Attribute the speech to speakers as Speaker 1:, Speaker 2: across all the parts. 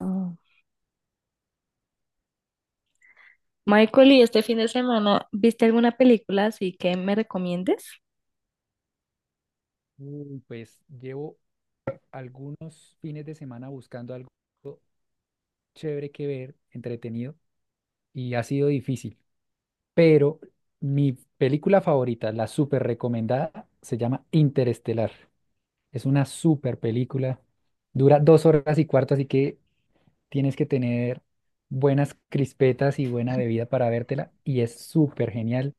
Speaker 1: Oh. Michael, ¿y este fin de semana viste alguna película así que me recomiendes?
Speaker 2: Uy, pues llevo algunos fines de semana buscando algo chévere que ver, entretenido, y ha sido difícil. Pero mi película favorita, la súper recomendada, se llama Interestelar. Es una súper película. Dura 2 horas y cuarto, así que tienes que tener buenas crispetas y buena bebida para vértela. Y es súper genial.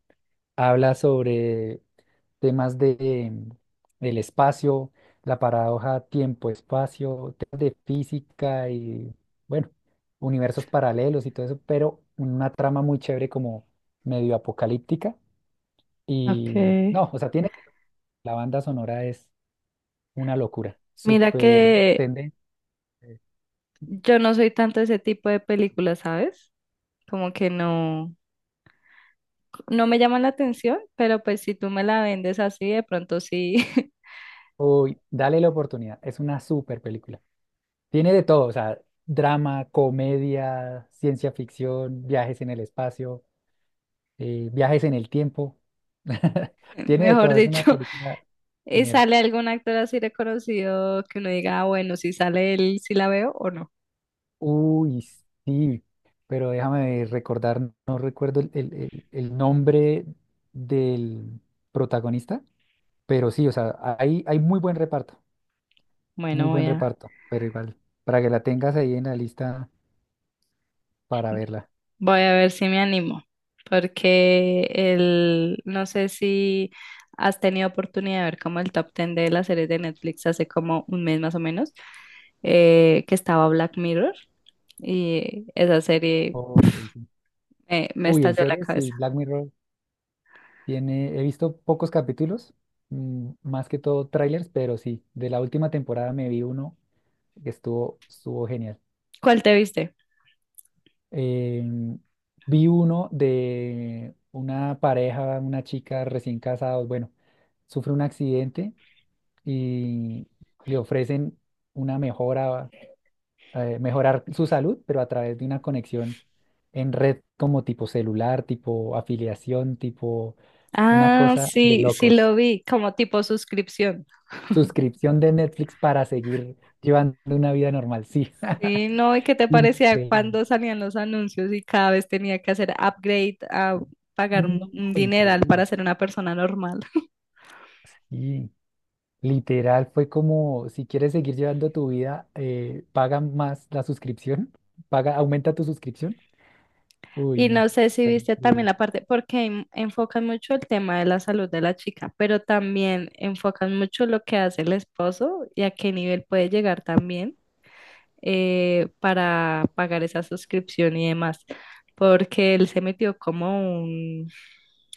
Speaker 2: Habla sobre temas de el espacio, la paradoja tiempo-espacio, temas de física y, bueno, universos paralelos y todo eso, pero una trama muy chévere como medio apocalíptica y,
Speaker 1: Okay.
Speaker 2: no, o sea, tiene, la banda sonora es una locura,
Speaker 1: Mira
Speaker 2: súper
Speaker 1: que
Speaker 2: tendente.
Speaker 1: yo no soy tanto de ese tipo de películas, ¿sabes? Como que no, no me llaman la atención, pero pues si tú me la vendes así, de pronto sí.
Speaker 2: Uy, dale la oportunidad, es una súper película. Tiene de todo, o sea, drama, comedia, ciencia ficción, viajes en el espacio. Viajes en el tiempo. Tiene de
Speaker 1: Mejor
Speaker 2: todo, es una
Speaker 1: dicho,
Speaker 2: película
Speaker 1: ¿y
Speaker 2: genial.
Speaker 1: sale algún actor así reconocido que uno diga, ah, bueno, si sale él, si la veo o no?
Speaker 2: Uy, sí, pero déjame recordar, no recuerdo el nombre del protagonista, pero sí, o sea, hay muy
Speaker 1: Bueno,
Speaker 2: buen
Speaker 1: voy a,
Speaker 2: reparto, pero igual, para que la tengas ahí en la lista para verla.
Speaker 1: voy a ver si me animo, porque no sé si has tenido oportunidad de ver como el top 10 de las series de Netflix hace como un mes más o menos, que estaba Black Mirror y esa serie
Speaker 2: Ok, sí.
Speaker 1: me
Speaker 2: Uy, en
Speaker 1: estalló la
Speaker 2: series, sí,
Speaker 1: cabeza.
Speaker 2: Black Mirror tiene, he visto pocos capítulos, más que todo trailers, pero sí, de la última temporada me vi uno que estuvo genial.
Speaker 1: ¿Cuál te viste?
Speaker 2: Em, Vi uno de una pareja, una chica recién casados, bueno, sufre un accidente y le ofrecen una mejora, mejorar su salud, pero a través de una conexión en red como tipo celular, tipo afiliación, tipo una
Speaker 1: Ah,
Speaker 2: cosa de
Speaker 1: sí, sí
Speaker 2: locos.
Speaker 1: lo vi, como tipo suscripción.
Speaker 2: Suscripción de Netflix para seguir llevando una vida normal, sí.
Speaker 1: Sí, no, ¿y qué te parecía
Speaker 2: Increíble.
Speaker 1: cuando salían los anuncios y cada vez tenía que hacer upgrade a pagar un
Speaker 2: No,
Speaker 1: un dineral para
Speaker 2: increíble.
Speaker 1: ser una persona normal?
Speaker 2: Y literal fue como, si quieres seguir llevando tu vida, paga más la suscripción, paga, aumenta tu suscripción. Uy,
Speaker 1: Y
Speaker 2: no.
Speaker 1: no sé si
Speaker 2: Fue
Speaker 1: viste también
Speaker 2: increíble.
Speaker 1: la parte, porque enfocan mucho el tema de la salud de la chica, pero también enfocan mucho lo que hace el esposo y a qué nivel puede llegar también, para pagar esa suscripción y demás, porque él se metió como un,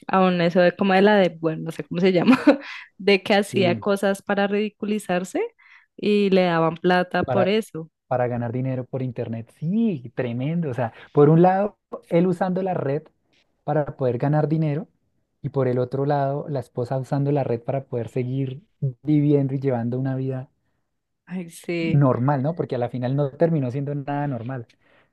Speaker 1: a un eso de como bueno, no sé cómo se llama, de que hacía
Speaker 2: Sí,
Speaker 1: cosas para ridiculizarse y le daban plata por
Speaker 2: para,
Speaker 1: eso.
Speaker 2: para ganar dinero por internet. Sí, tremendo. O sea, por un lado, él usando la red para poder ganar dinero y por el otro lado, la esposa usando la red para poder seguir viviendo y llevando una vida
Speaker 1: Ay, sí.
Speaker 2: normal, ¿no? Porque a la final no terminó siendo nada normal.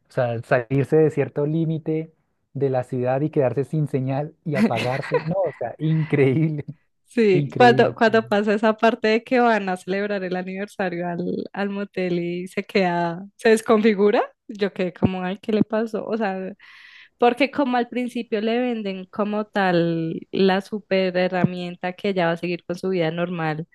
Speaker 2: O sea, salirse de cierto límite de la ciudad y quedarse sin señal y apagarse, no, o sea, increíble,
Speaker 1: Sí,
Speaker 2: increíble.
Speaker 1: cuando
Speaker 2: Increíble.
Speaker 1: pasa esa parte de que van a celebrar el aniversario al motel y se queda, se desconfigura, yo quedé como, ay, ¿qué le pasó? O sea, porque como al principio le venden como tal la super herramienta que ella va a seguir con su vida normal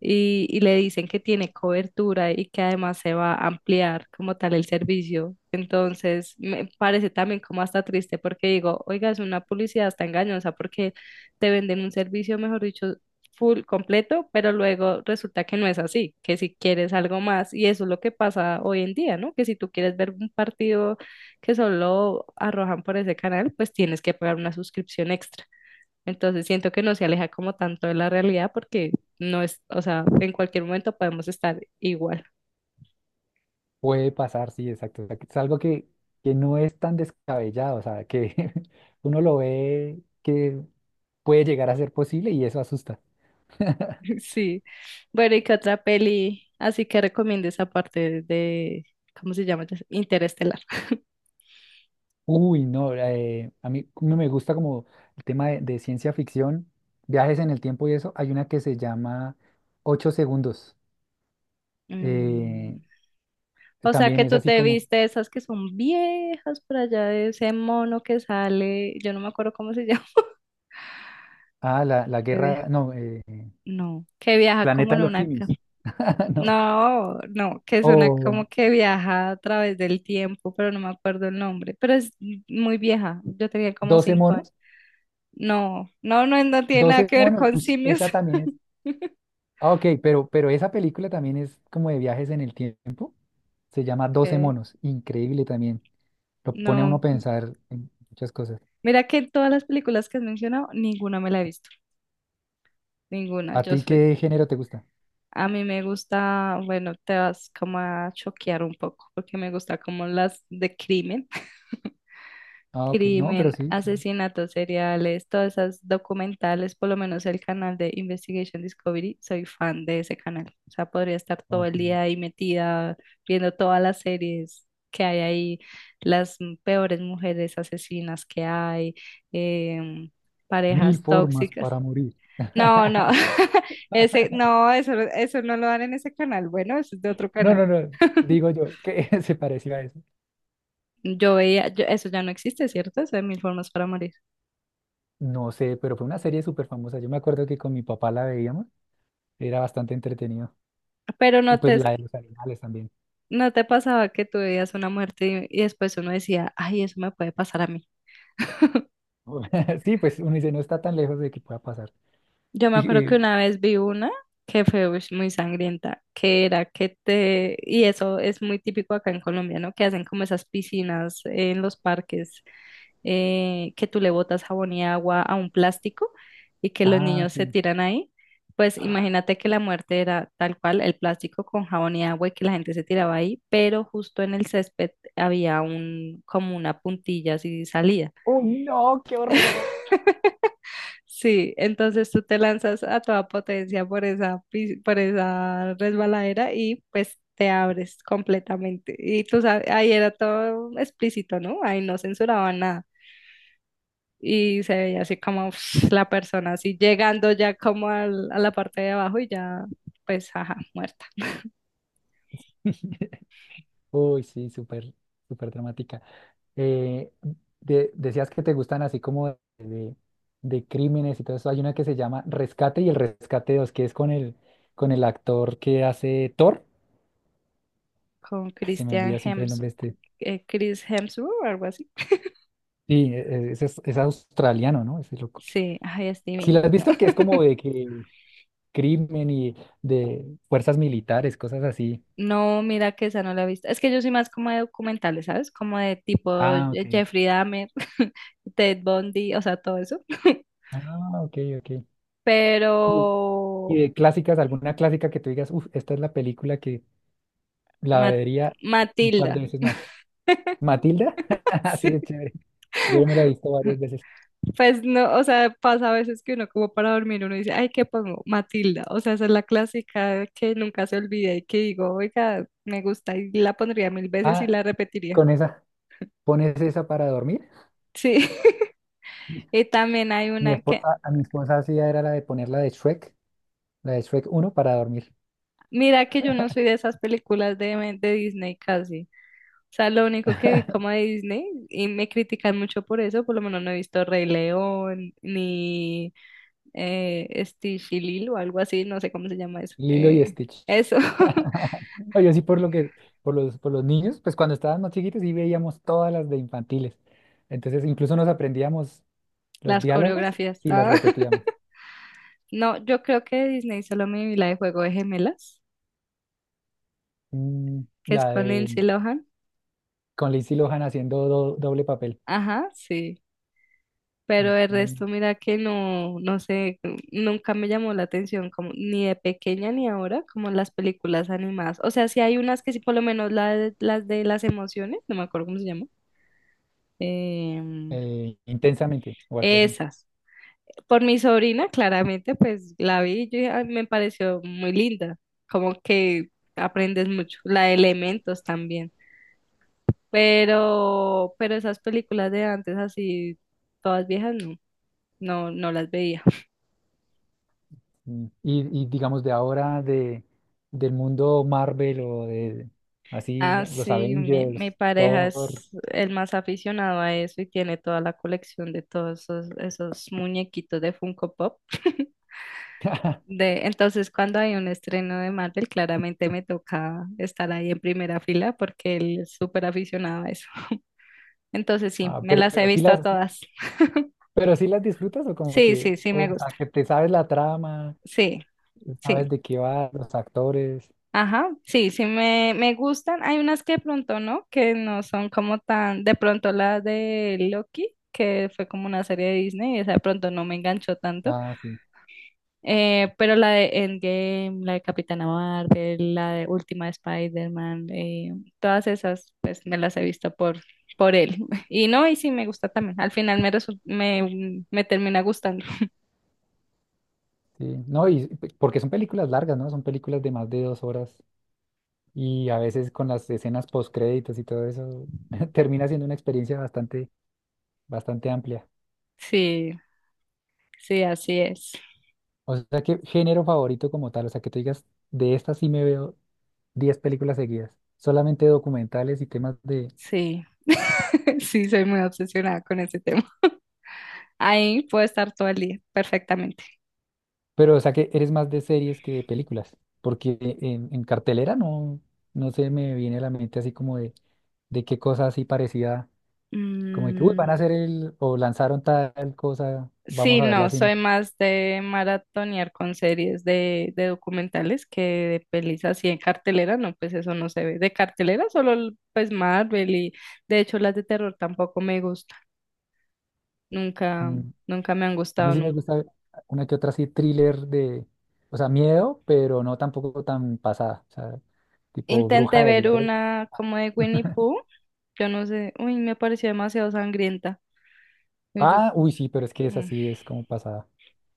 Speaker 1: y le dicen que tiene cobertura y que además se va a ampliar como tal el servicio. Entonces, me parece también como hasta triste porque digo, oiga, es una publicidad hasta engañosa porque te venden un servicio, mejor dicho, full completo, pero luego resulta que no es así, que si quieres algo más. Y eso es lo que pasa hoy en día, ¿no? Que si tú quieres ver un partido que solo arrojan por ese canal, pues tienes que pagar una suscripción extra. Entonces siento que no se aleja como tanto de la realidad porque no es, o sea, en cualquier momento podemos estar igual.
Speaker 2: Puede pasar, sí, exacto. O sea, que es algo que no es tan descabellado, o sea, que uno lo ve que puede llegar a ser posible y eso asusta.
Speaker 1: Sí. Bueno, ¿y qué otra peli así que recomiendes aparte de, ¿cómo se llama? Interestelar.
Speaker 2: Uy, no, a mí no me gusta como el tema de ciencia ficción, viajes en el tiempo y eso. Hay una que se llama Ocho Segundos.
Speaker 1: Mm.
Speaker 2: eh,
Speaker 1: O sea
Speaker 2: También
Speaker 1: que
Speaker 2: es
Speaker 1: tú
Speaker 2: así
Speaker 1: te
Speaker 2: como,
Speaker 1: viste esas que son viejas por allá de ese mono que sale, yo no me acuerdo cómo se llama.
Speaker 2: ah, la
Speaker 1: Que viaja,
Speaker 2: guerra, no,
Speaker 1: no, que viaja como
Speaker 2: Planeta
Speaker 1: en
Speaker 2: de los
Speaker 1: una,
Speaker 2: Simios, no,
Speaker 1: no, no, que es una
Speaker 2: o
Speaker 1: como que viaja a través del tiempo, pero no me acuerdo el nombre, pero es muy vieja, yo tenía como
Speaker 2: Doce
Speaker 1: cinco años.
Speaker 2: monos,
Speaker 1: No, no, no, no tiene nada
Speaker 2: Doce
Speaker 1: que ver
Speaker 2: monos,
Speaker 1: con
Speaker 2: uy,
Speaker 1: simios.
Speaker 2: esa también es, ah, ok, pero esa película también es como de viajes en el tiempo, se llama Doce
Speaker 1: Que
Speaker 2: monos, increíble también, lo pone a uno
Speaker 1: no,
Speaker 2: a pensar en muchas cosas.
Speaker 1: mira que en todas las películas que has mencionado, ninguna me la he visto, ninguna,
Speaker 2: ¿A
Speaker 1: yo
Speaker 2: ti
Speaker 1: soy.
Speaker 2: qué género te gusta?
Speaker 1: A mí me gusta, bueno, te vas como a choquear un poco, porque me gusta como las de crimen.
Speaker 2: Ah, ok. No, pero
Speaker 1: Crimen,
Speaker 2: sí. Ya.
Speaker 1: asesinatos seriales, todas esas documentales, por lo menos el canal de Investigation Discovery, soy fan de ese canal. O sea, podría estar todo el
Speaker 2: Ok.
Speaker 1: día ahí metida viendo todas las series que hay ahí, las peores mujeres asesinas que hay, em,
Speaker 2: Mil
Speaker 1: parejas
Speaker 2: formas
Speaker 1: tóxicas.
Speaker 2: para morir.
Speaker 1: No, no, ese, no, eso no lo dan en ese canal. Bueno, eso es de otro
Speaker 2: No,
Speaker 1: canal.
Speaker 2: no, no. Digo yo, que ¿se pareció a eso?
Speaker 1: Yo veía, eso ya no existe, ¿cierto? Eso de mil formas para morir.
Speaker 2: No sé, pero fue una serie súper famosa. Yo me acuerdo que con mi papá la veíamos. Era bastante entretenido.
Speaker 1: Pero
Speaker 2: Y pues la de los animales también.
Speaker 1: ¿no te pasaba que tú veías una muerte y después uno decía, ay, eso me puede pasar a mí?
Speaker 2: Sí, pues uno dice, no está tan lejos de que pueda pasar.
Speaker 1: Yo me
Speaker 2: Y,
Speaker 1: acuerdo que
Speaker 2: eh,
Speaker 1: una vez vi una que fue ush, muy sangrienta, que era que te, y eso es muy típico acá en Colombia, ¿no? Que hacen como esas piscinas en los parques, que tú le botas jabón y agua a un plástico y que los
Speaker 2: ah,
Speaker 1: niños se
Speaker 2: sí.
Speaker 1: tiran ahí, pues imagínate que la muerte era tal cual, el plástico con jabón y agua y que la gente se tiraba ahí, pero justo en el césped había un, como una puntilla así salida.
Speaker 2: ¡Oh, no! ¡Qué horror!
Speaker 1: Sí, entonces tú te lanzas a toda potencia por esa, por esa resbaladera y pues te abres completamente. Y tú sabes, ahí era todo explícito, ¿no? Ahí no censuraban nada. Y se veía así como la persona así llegando ya como a la parte de abajo y ya pues ajá, muerta.
Speaker 2: Uy, sí, súper, súper dramática. Eh, Decías que te gustan así como de crímenes y todo eso. Hay una que se llama Rescate y el Rescate 2 que es con con el actor que hace Thor.
Speaker 1: Con
Speaker 2: Ah, se me
Speaker 1: Christian
Speaker 2: olvida siempre el
Speaker 1: Hems,
Speaker 2: nombre de este.
Speaker 1: Chris Hemsworth o algo así.
Speaker 2: Sí, ese es australiano, ¿no? Ese loco.
Speaker 1: Sí, ay, es
Speaker 2: Si lo
Speaker 1: divino.
Speaker 2: has visto, que es como de que crimen y de fuerzas militares, cosas así.
Speaker 1: No, mira que esa no la he visto. Es que yo soy más como de documentales, ¿sabes? Como de tipo
Speaker 2: Ah, ok.
Speaker 1: Jeffrey Dahmer, Ted Bundy, o sea, todo eso.
Speaker 2: Ah, ok, ok.
Speaker 1: Pero
Speaker 2: Y y de clásicas, alguna clásica que tú digas, uff, esta es la película la
Speaker 1: Ma-
Speaker 2: vería un par de
Speaker 1: Matilda.
Speaker 2: veces más. Matilda, sí es chévere. Yo me la he visto
Speaker 1: Sí.
Speaker 2: varias veces.
Speaker 1: Pues no, o sea, pasa a veces que uno como para dormir, uno dice, ay, ¿qué pongo? Matilda, o sea, esa es la clásica que nunca se olvida y que digo, oiga, me gusta y la pondría mil veces y
Speaker 2: Ah,
Speaker 1: la repetiría.
Speaker 2: con esa, pones esa para dormir.
Speaker 1: Sí. Y también hay
Speaker 2: Mi
Speaker 1: una que,
Speaker 2: esposa, a mi esposa hacía era la de poner la de Shrek uno para dormir.
Speaker 1: mira que yo no soy de esas películas de Disney casi, o sea, lo único que vi como de Disney y me critican mucho por eso, por lo menos no he visto Rey León ni, Stitch y Lilo o algo así, no sé cómo se llama eso.
Speaker 2: Lilo y Stitch.
Speaker 1: Eso.
Speaker 2: No, yo sí por lo por por los niños, pues cuando estaban más chiquitos sí veíamos todas las de infantiles. Entonces incluso nos aprendíamos los
Speaker 1: Las
Speaker 2: diálogos
Speaker 1: coreografías.
Speaker 2: y las
Speaker 1: Ah.
Speaker 2: repetíamos.
Speaker 1: No, yo creo que de Disney solo me vi la de Juego de Gemelas, que es
Speaker 2: La
Speaker 1: con Lindsay
Speaker 2: de
Speaker 1: Lohan.
Speaker 2: con Lindsay Lohan haciendo doble papel.
Speaker 1: Ajá, sí. Pero el
Speaker 2: Mm,
Speaker 1: resto, mira que no, no sé, nunca me llamó la atención, como, ni de pequeña ni ahora, como las películas animadas. O sea, sí hay unas que sí, por lo menos las de las emociones, no me acuerdo cómo se llama. em,
Speaker 2: Intensamente o algo así.
Speaker 1: Esas. Por mi sobrina, claramente, pues la vi y yo dije, "Ay, me pareció muy linda, como que aprendes mucho, la de elementos también, pero esas películas de antes así, todas viejas, no, no, no las veía.
Speaker 2: Y digamos de ahora del mundo Marvel o de así
Speaker 1: Ah,
Speaker 2: los
Speaker 1: sí, mi
Speaker 2: Avengers,
Speaker 1: pareja es
Speaker 2: Thor.
Speaker 1: el más aficionado a eso y tiene toda la colección de todos esos, esos muñequitos de Funko Pop. De, entonces, cuando hay un estreno de Marvel, claramente me toca estar ahí en primera fila porque él es súper aficionado a eso. Entonces, sí,
Speaker 2: Ah,
Speaker 1: me las he
Speaker 2: pero sí
Speaker 1: visto todas.
Speaker 2: pero sí las disfrutas o como
Speaker 1: Sí, sí,
Speaker 2: que,
Speaker 1: sí,
Speaker 2: o
Speaker 1: me
Speaker 2: sea,
Speaker 1: gusta.
Speaker 2: que te sabes la trama,
Speaker 1: Sí, sí.
Speaker 2: sabes de qué va, los actores.
Speaker 1: Ajá, sí, sí, me gustan. Hay unas que de pronto no, que no son como tan, de pronto la de Loki, que fue como una serie de Disney, esa de pronto no me enganchó tanto.
Speaker 2: Ah, sí,
Speaker 1: Pero la de Endgame, la de Capitana Marvel, la de Última de Spider-Man, todas esas, pues me las he visto por él. Y no, y sí me gusta también. Al final me, me, me termina gustando.
Speaker 2: sí. No, y porque son películas largas, ¿no? Son películas de más de 2 horas. Y a veces con las escenas post créditos y todo eso, termina siendo una experiencia bastante, bastante amplia.
Speaker 1: Sí, sí, así es.
Speaker 2: O sea, que género favorito como tal, o sea, que tú digas, de estas sí me veo 10 películas seguidas, solamente documentales y temas de...
Speaker 1: Sí. Sí, soy muy obsesionada con ese tema. Ahí puedo estar todo el día, perfectamente.
Speaker 2: Pero, o sea, que eres más de series que de películas, porque en cartelera no, no se me viene a la mente así como de qué cosa así parecida, como de que, uy, van a
Speaker 1: Mm.
Speaker 2: hacer el, o lanzaron tal cosa, vamos
Speaker 1: Sí,
Speaker 2: a verla al
Speaker 1: no,
Speaker 2: cine.
Speaker 1: soy más de maratonear con series de documentales que de pelis así en cartelera, no, pues eso no se ve. De cartelera solo pues Marvel, y de hecho las de terror tampoco me gustan, nunca,
Speaker 2: Mm,
Speaker 1: nunca me han
Speaker 2: a mí
Speaker 1: gustado
Speaker 2: sí me
Speaker 1: nunca.
Speaker 2: gusta una que otra así thriller o sea, miedo, pero no tampoco tan pasada, o sea, tipo
Speaker 1: Intenté
Speaker 2: Bruja de
Speaker 1: ver
Speaker 2: Blair.
Speaker 1: una como de Winnie Pooh, yo no sé, uy, me pareció demasiado sangrienta. Y yo,
Speaker 2: Ah, uy, sí, pero es que es
Speaker 1: mm,
Speaker 2: así, es como pasada.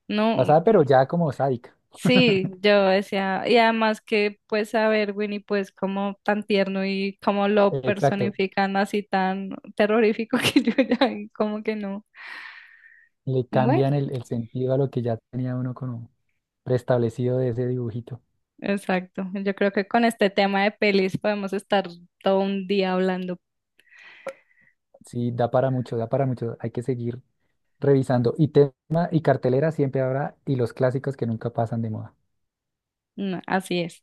Speaker 1: no.
Speaker 2: Pasada, pero ya como sádica.
Speaker 1: Sí, yo decía, y además que pues a ver, Winnie, pues como tan tierno y como lo
Speaker 2: Exacto.
Speaker 1: personifican así tan terrorífico que yo ya como que no.
Speaker 2: Le
Speaker 1: Bueno,
Speaker 2: cambian el sentido a lo que ya tenía uno como preestablecido de ese dibujito.
Speaker 1: exacto. Yo creo que con este tema de pelis podemos estar todo un día hablando.
Speaker 2: Sí, da para mucho, da para mucho. Hay que seguir revisando. Y tema y cartelera siempre habrá, y los clásicos que nunca pasan de moda.
Speaker 1: Mm. Así es.